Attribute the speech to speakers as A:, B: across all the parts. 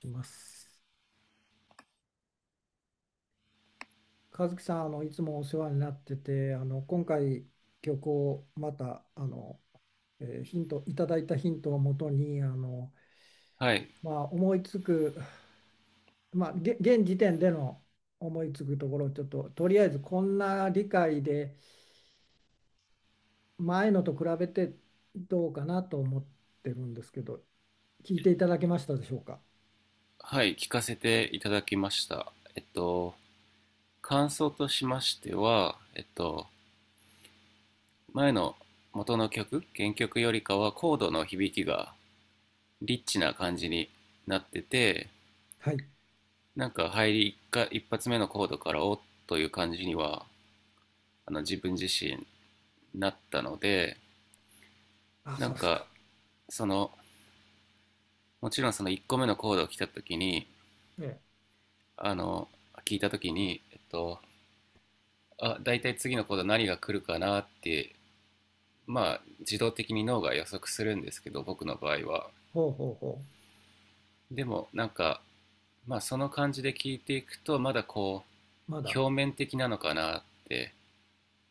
A: します。和樹さん、いつもお世話になってて、今回曲をまたヒントいただいたヒントをもとに
B: はい、
A: まあ、思いつく、まあ、現時点での思いつくところをちょっととりあえずこんな理解で前のと比べてどうかなと思ってるんですけど聞いていただけましたでしょうか？
B: はい、聞かせていただきました。感想としましては、前の元の曲、原曲よりかはコードの響きがリッチな感じになってて、
A: はい。
B: なんか入り一か一発目のコードからおっという感じには、あの自分自身なったので、
A: あ、
B: な
A: そ
B: ん
A: うですか。
B: かその、もちろんその1個目のコードを来た時に、
A: ええ。
B: あの、聞いた時に、あ、大体次のコード何が来るかなって、まあ自動的に脳が予測するんですけど、僕の場合は。
A: ほうほうほ
B: でもなんか、まあその感じで聞いていくと、まだこ
A: う。ま
B: う
A: だ。
B: 表面的なのかなって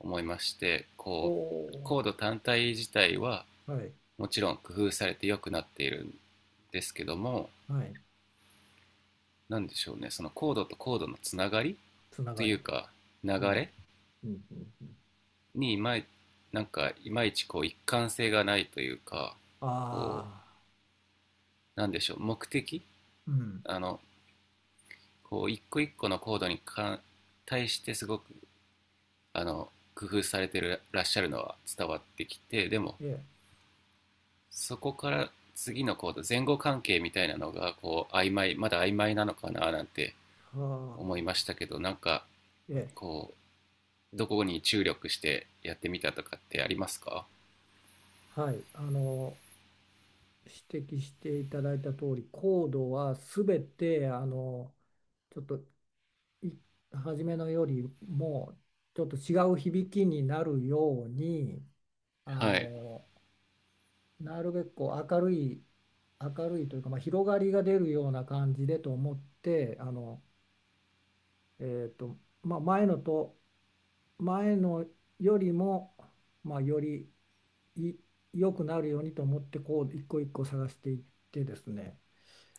B: 思いまして、
A: お。
B: こう
A: お。
B: コード単体自体は
A: はい。
B: もちろん工夫されて良くなっているんですけども、
A: はい。
B: 何でしょうね、そのコードとコードのつながり
A: つな
B: と
A: が
B: い
A: り。
B: うか流
A: うん。う
B: れ
A: ん。うん。うん。
B: に、いまいなんかいまいちこう一貫性がないというか、
A: あ
B: こ
A: あ、
B: なんでしょう、目的、
A: うん。
B: あの、こう一個一個のコードに対してすごく、あの工夫されてらっしゃるのは伝わってきて、でも
A: ええ。
B: そこから次のコード、前後関係みたいなのがこうまだ曖昧なのかななんて
A: は
B: 思いまし
A: あ。
B: たけど、なんか
A: ええ。
B: こうどこに注力してやってみたとかってありますか？
A: はい。指摘していただいた通り、コードはすべて、ちょっと、い、初めのよりも、ちょっと違う響きになるように、あ
B: はい、
A: の、なるべくこう明るい、明るいというか、まあ、広がりが出るような感じでと思って、えっと、まあ、前のよりも、まあ、よりい良くなるようにと思ってこう一個一個探していってですね、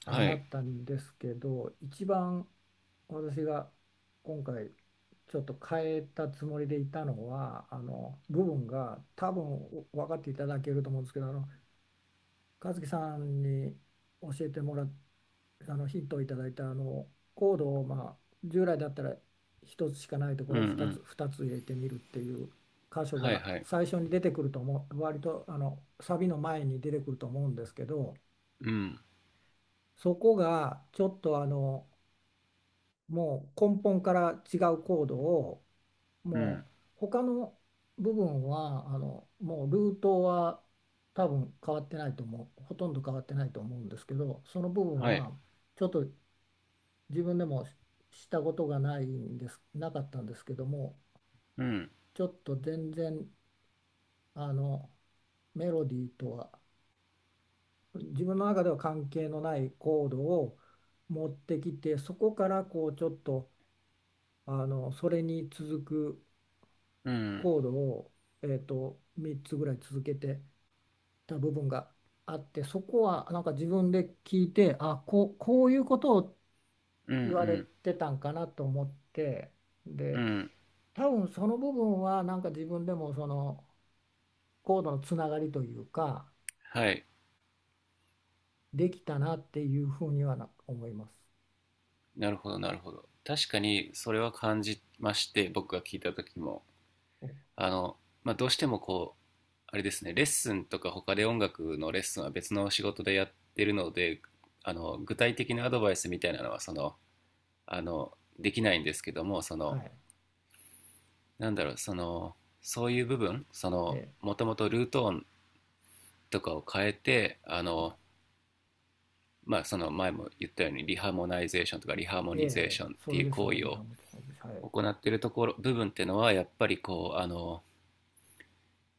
A: ああ
B: は
A: な
B: い、
A: ったんですけど、一番私が今回ちょっと変えたつもりでいたのは、部分が多分分かっていただけると思うんですけど、和樹さんに教えてもらっあのヒントをいただいたコードを、まあ、従来だったら一つしかないとこ
B: うん、
A: ろを
B: う
A: 2つ、
B: ん、
A: 2つ入れてみるっていう箇所
B: はい、
A: が
B: はい、
A: 最初に出てくると思う、割とサビの前に出てくると思うんですけど、
B: うん、
A: そこがちょっともう根本から違うコードを、
B: うん、
A: もう他の部分はもうルートは多分変わってないと思う、ほとんど変わってないと思うんですけど、その部分
B: はい、
A: はちょっと自分でもしたことがないんです、なかったんですけども、
B: うん、
A: ちょっと全然あのメロディーとは自分の中では関係のないコードを持ってきて、そこからこうちょっとそれに続く
B: うん、
A: コードを、3つぐらい続けてた部分があって、そこはなんか自分で聞いて、あ、こう、こういうことを
B: うん、う
A: 言われ
B: ん、
A: てたんかなと思って、
B: う
A: で、
B: ん、
A: 多分その部分はなんか自分でもそのコードのつながりというか
B: はい。
A: できたなっていうふうにはな思います。
B: なるほど、なるほど。確かにそれは感じまして、僕が聞いた時も、
A: お。
B: あの、まあ、どうしてもこう、あれですね、レッスンとか他で音楽のレッスンは別の仕事でやってるので、具体的なアドバイスみたいなのは、その、あの、できないんですけども、そ
A: は
B: の、
A: い。
B: なんだろう、その、そういう部分、そ
A: え
B: の、
A: え。
B: もともとルート音とかを変えて、
A: はい。
B: まあ、その前も言ったようにリハモナイゼーションとかリハーモ
A: え
B: ニゼーシ
A: え、
B: ョンっ
A: そ
B: て
A: れ
B: いう
A: です
B: 行
A: ね、
B: 為
A: リハ
B: を
A: もはいです。はい。
B: 行ってるところっていうのは、やっぱりこう、あの、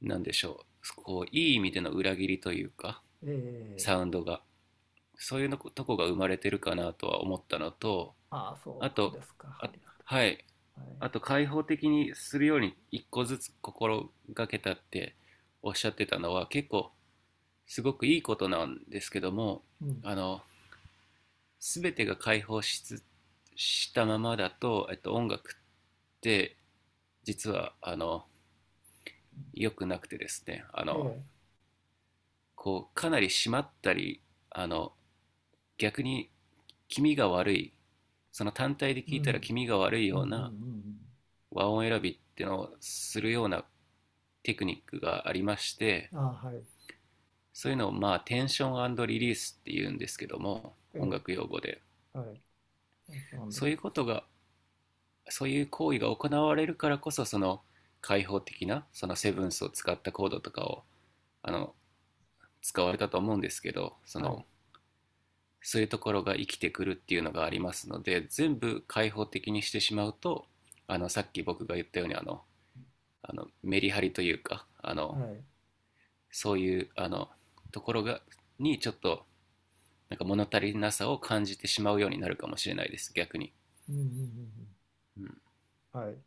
B: なんでしょうこういい意味での裏切りというか
A: え
B: サ
A: え。
B: ウンドが、そういうのことこが生まれてるかなとは思ったのと、
A: ああ、そ
B: あ
A: う
B: と、
A: ですか。あ
B: あ、
A: りがと
B: はい、
A: う。はい。
B: あと、開放的にするように一個ずつ心がけたっておっしゃってたのは、結構すごくいいことなんですけども、
A: うん。
B: あの全てが開放しつしたままだと、音楽って実は、あの良くなくてですね、あ
A: え
B: の
A: え、
B: こうかなり締まったり、あの逆に気味が悪い、その単体で
A: う
B: 聞いたら気
A: ん。
B: 味が悪い
A: うん。うん。
B: よ
A: う
B: うな
A: ん。
B: 和音選びっていうのをするようなテクニックがありまして、
A: うん。ああ、はい。
B: そういうのをまあテンションリリースっていうんですけども、音
A: え
B: 楽用語で。
A: え。はい。天使満足
B: そういう
A: です。
B: ことが、そういう行為が行われるからこそ、その開放的なそのセブンスを使ったコードとかを、あの使われたと思うんですけど、そ
A: はい。
B: の、そういうところが生きてくるっていうのがありますので、全部開放的にしてしまうと、あのさっき僕が言ったように、あのメリハリというか、あ
A: は
B: の
A: い。
B: そういう、あのところがちょっとなんか物足りなさを感じてしまうようになるかもしれないです、逆に。
A: うん。うん。うん。
B: うん、
A: うん。はい。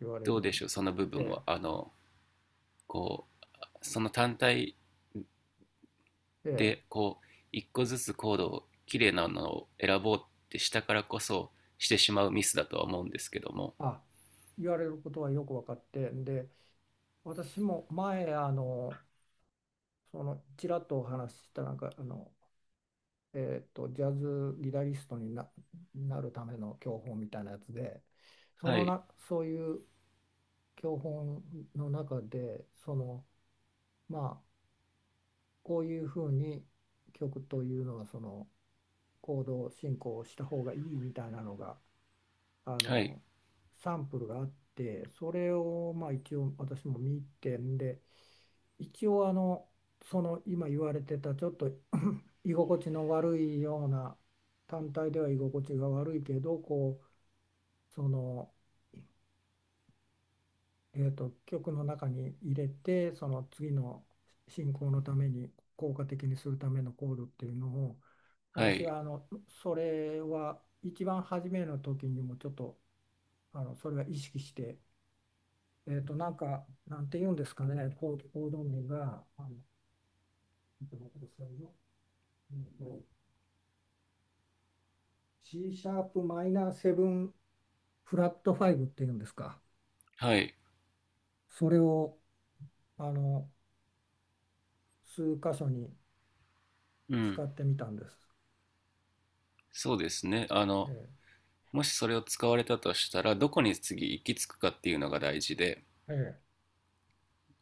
A: 言われ
B: どうで
A: る
B: しょう、
A: こ
B: そ
A: と
B: の部分
A: で、
B: は、あのこうその単体
A: で、
B: でこう一個ずつコードを綺麗なのを選ぼうってしたからこそしてしまうミスだとは思うんですけども。
A: あ、言われることはよく分かって、で、私も前、その、ちらっとお話しした、なんか、ジャズギタリストにな、なるための教本みたいなやつで、そ
B: は
A: の
B: い、
A: な、そういう教本の中で、その、まあ、こういうふうに曲というのは、その、行動進行をした方がいいみたいなのがあ
B: はい、
A: のサンプルがあって、それをまあ一応私も見てんで、一応その今言われてたちょっと居心地の悪いような、単体では居心地が悪いけどこう、その、曲の中に入れてその次の進行のために効果的にするためのコードっていうのを
B: は
A: 私
B: い、
A: はそれは一番初めの時にもちょっとそれは意識して、なんかなんて言うんですかね、コーコード名がちょっと待ってくださいよ、えーと C シャープマイナーセブンフラットファイブっていうんですか、
B: はい。
A: それをあの数箇所に
B: うん。
A: 使ってみたんです。
B: そうですね。あ
A: え
B: の、もしそれを使われたとしたら、どこに次行き着くかっていうのが大事で、
A: え。ええ。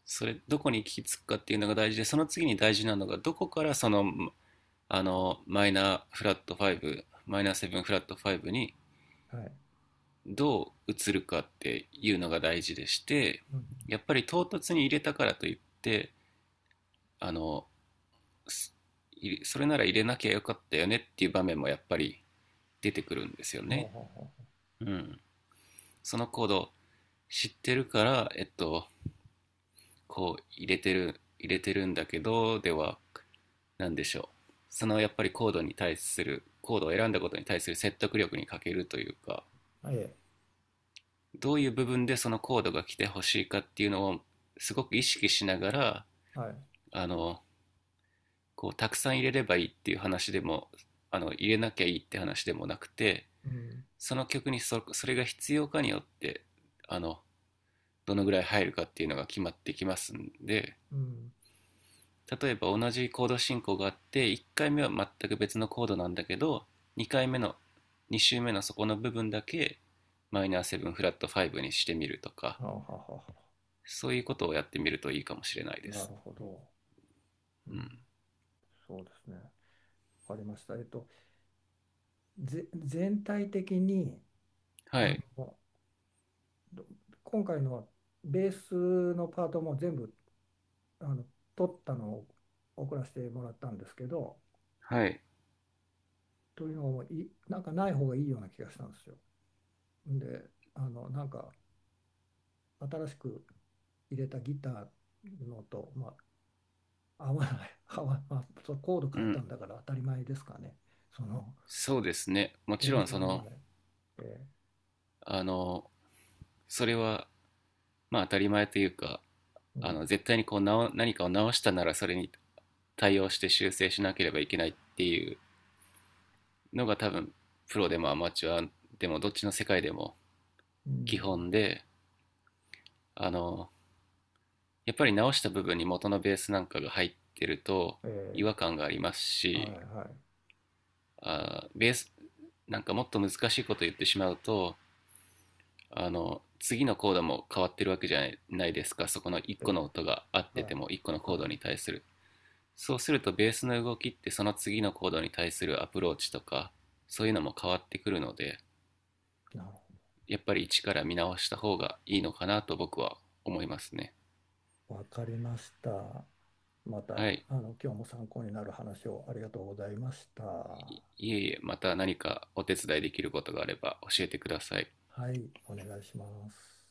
B: それ、どこに行き着くかっていうのが大事で、その次に大事なのが、どこからその、あの、マイナーフラット5、マイナーセブンフラットファイブに
A: はい。
B: どう移るかっていうのが大事でして、
A: うん。
B: やっぱり唐突に入れたからといって、あの、すそれなら入れなきゃよかったよねっていう場面もやっぱり出てくるんですよ
A: ほうほう
B: ね。
A: ほう
B: うん。その行動、知ってるから、こう入れてるんだけど、では、なんでしょう。そのやっぱりコードに対する、コードを選んだことに対する説得力に欠けるというか、
A: ほう。ええ、
B: どういう部分でそのコードが来てほしいかっていうのをすごく意識しながら、
A: はい。
B: あの、こうたくさん入れればいいっていう話でも、あの、入れなきゃいいって話でもなくて、
A: うん、
B: その曲にそれが必要かによって、あの、どのぐらい入るかっていうのが決まってきますんで、
A: うん。
B: 例えば同じコード進行があって、1回目は全く別のコードなんだけど、2回目の2周目のそこの部分だけマイナー7フラット5にしてみるとか、
A: はあはあはあは
B: そういうことをやってみるといいかもしれない
A: あ。
B: で
A: な
B: す。
A: るほど。う
B: う
A: ん、
B: ん、
A: そうですね。わかりました。ぜ、全体的に、
B: は
A: あ
B: い、
A: の、ど今回のはベースのパートも全部、あの、取ったのを送らせてもらったんですけど、
B: はい、
A: というのも、い、なんかない方がいいような気がしたんですよ。で、なんか、新しく入れたギターのと、まあ、合わない、合わ、まあ、そうコード
B: う
A: 変えた
B: ん。
A: んだから当たり前ですかね。その、
B: そうですね、もち
A: 全
B: ろん
A: 然
B: そ
A: 合わ
B: の、
A: ない。え
B: あのそれはまあ当たり前というか、
A: え。う
B: あ
A: ん、
B: の絶対にこう何かを直したならそれに対応して修正しなければいけないっていうのが、多分プロでもアマチュアでもどっちの世界でも
A: う
B: 基
A: ん、
B: 本で、あのやっぱり直した部分に元のベースなんかが入ってると
A: え
B: 違和
A: え。
B: 感があります
A: は
B: し、
A: い、はい、
B: あーベースなんかもっと難しいこと言ってしまうと、あの次のコードも変わってるわけじゃないですか、そこの1
A: え
B: 個の
A: え。
B: 音が合っ
A: は
B: てても1個の
A: い、
B: コード
A: は
B: に対する、そうするとベースの動きって、その次のコードに対するアプローチとかそういうのも変わってくるので、
A: い、なるほ
B: やっぱり一から見直した方がいいのかなと僕は思いますね。
A: ど。わかりました。また、
B: はい。
A: あの、今日も参考になる話をありがとうございました。は
B: いいえ、いえ、また何かお手伝いできることがあれば教えてください。
A: い、お願いします。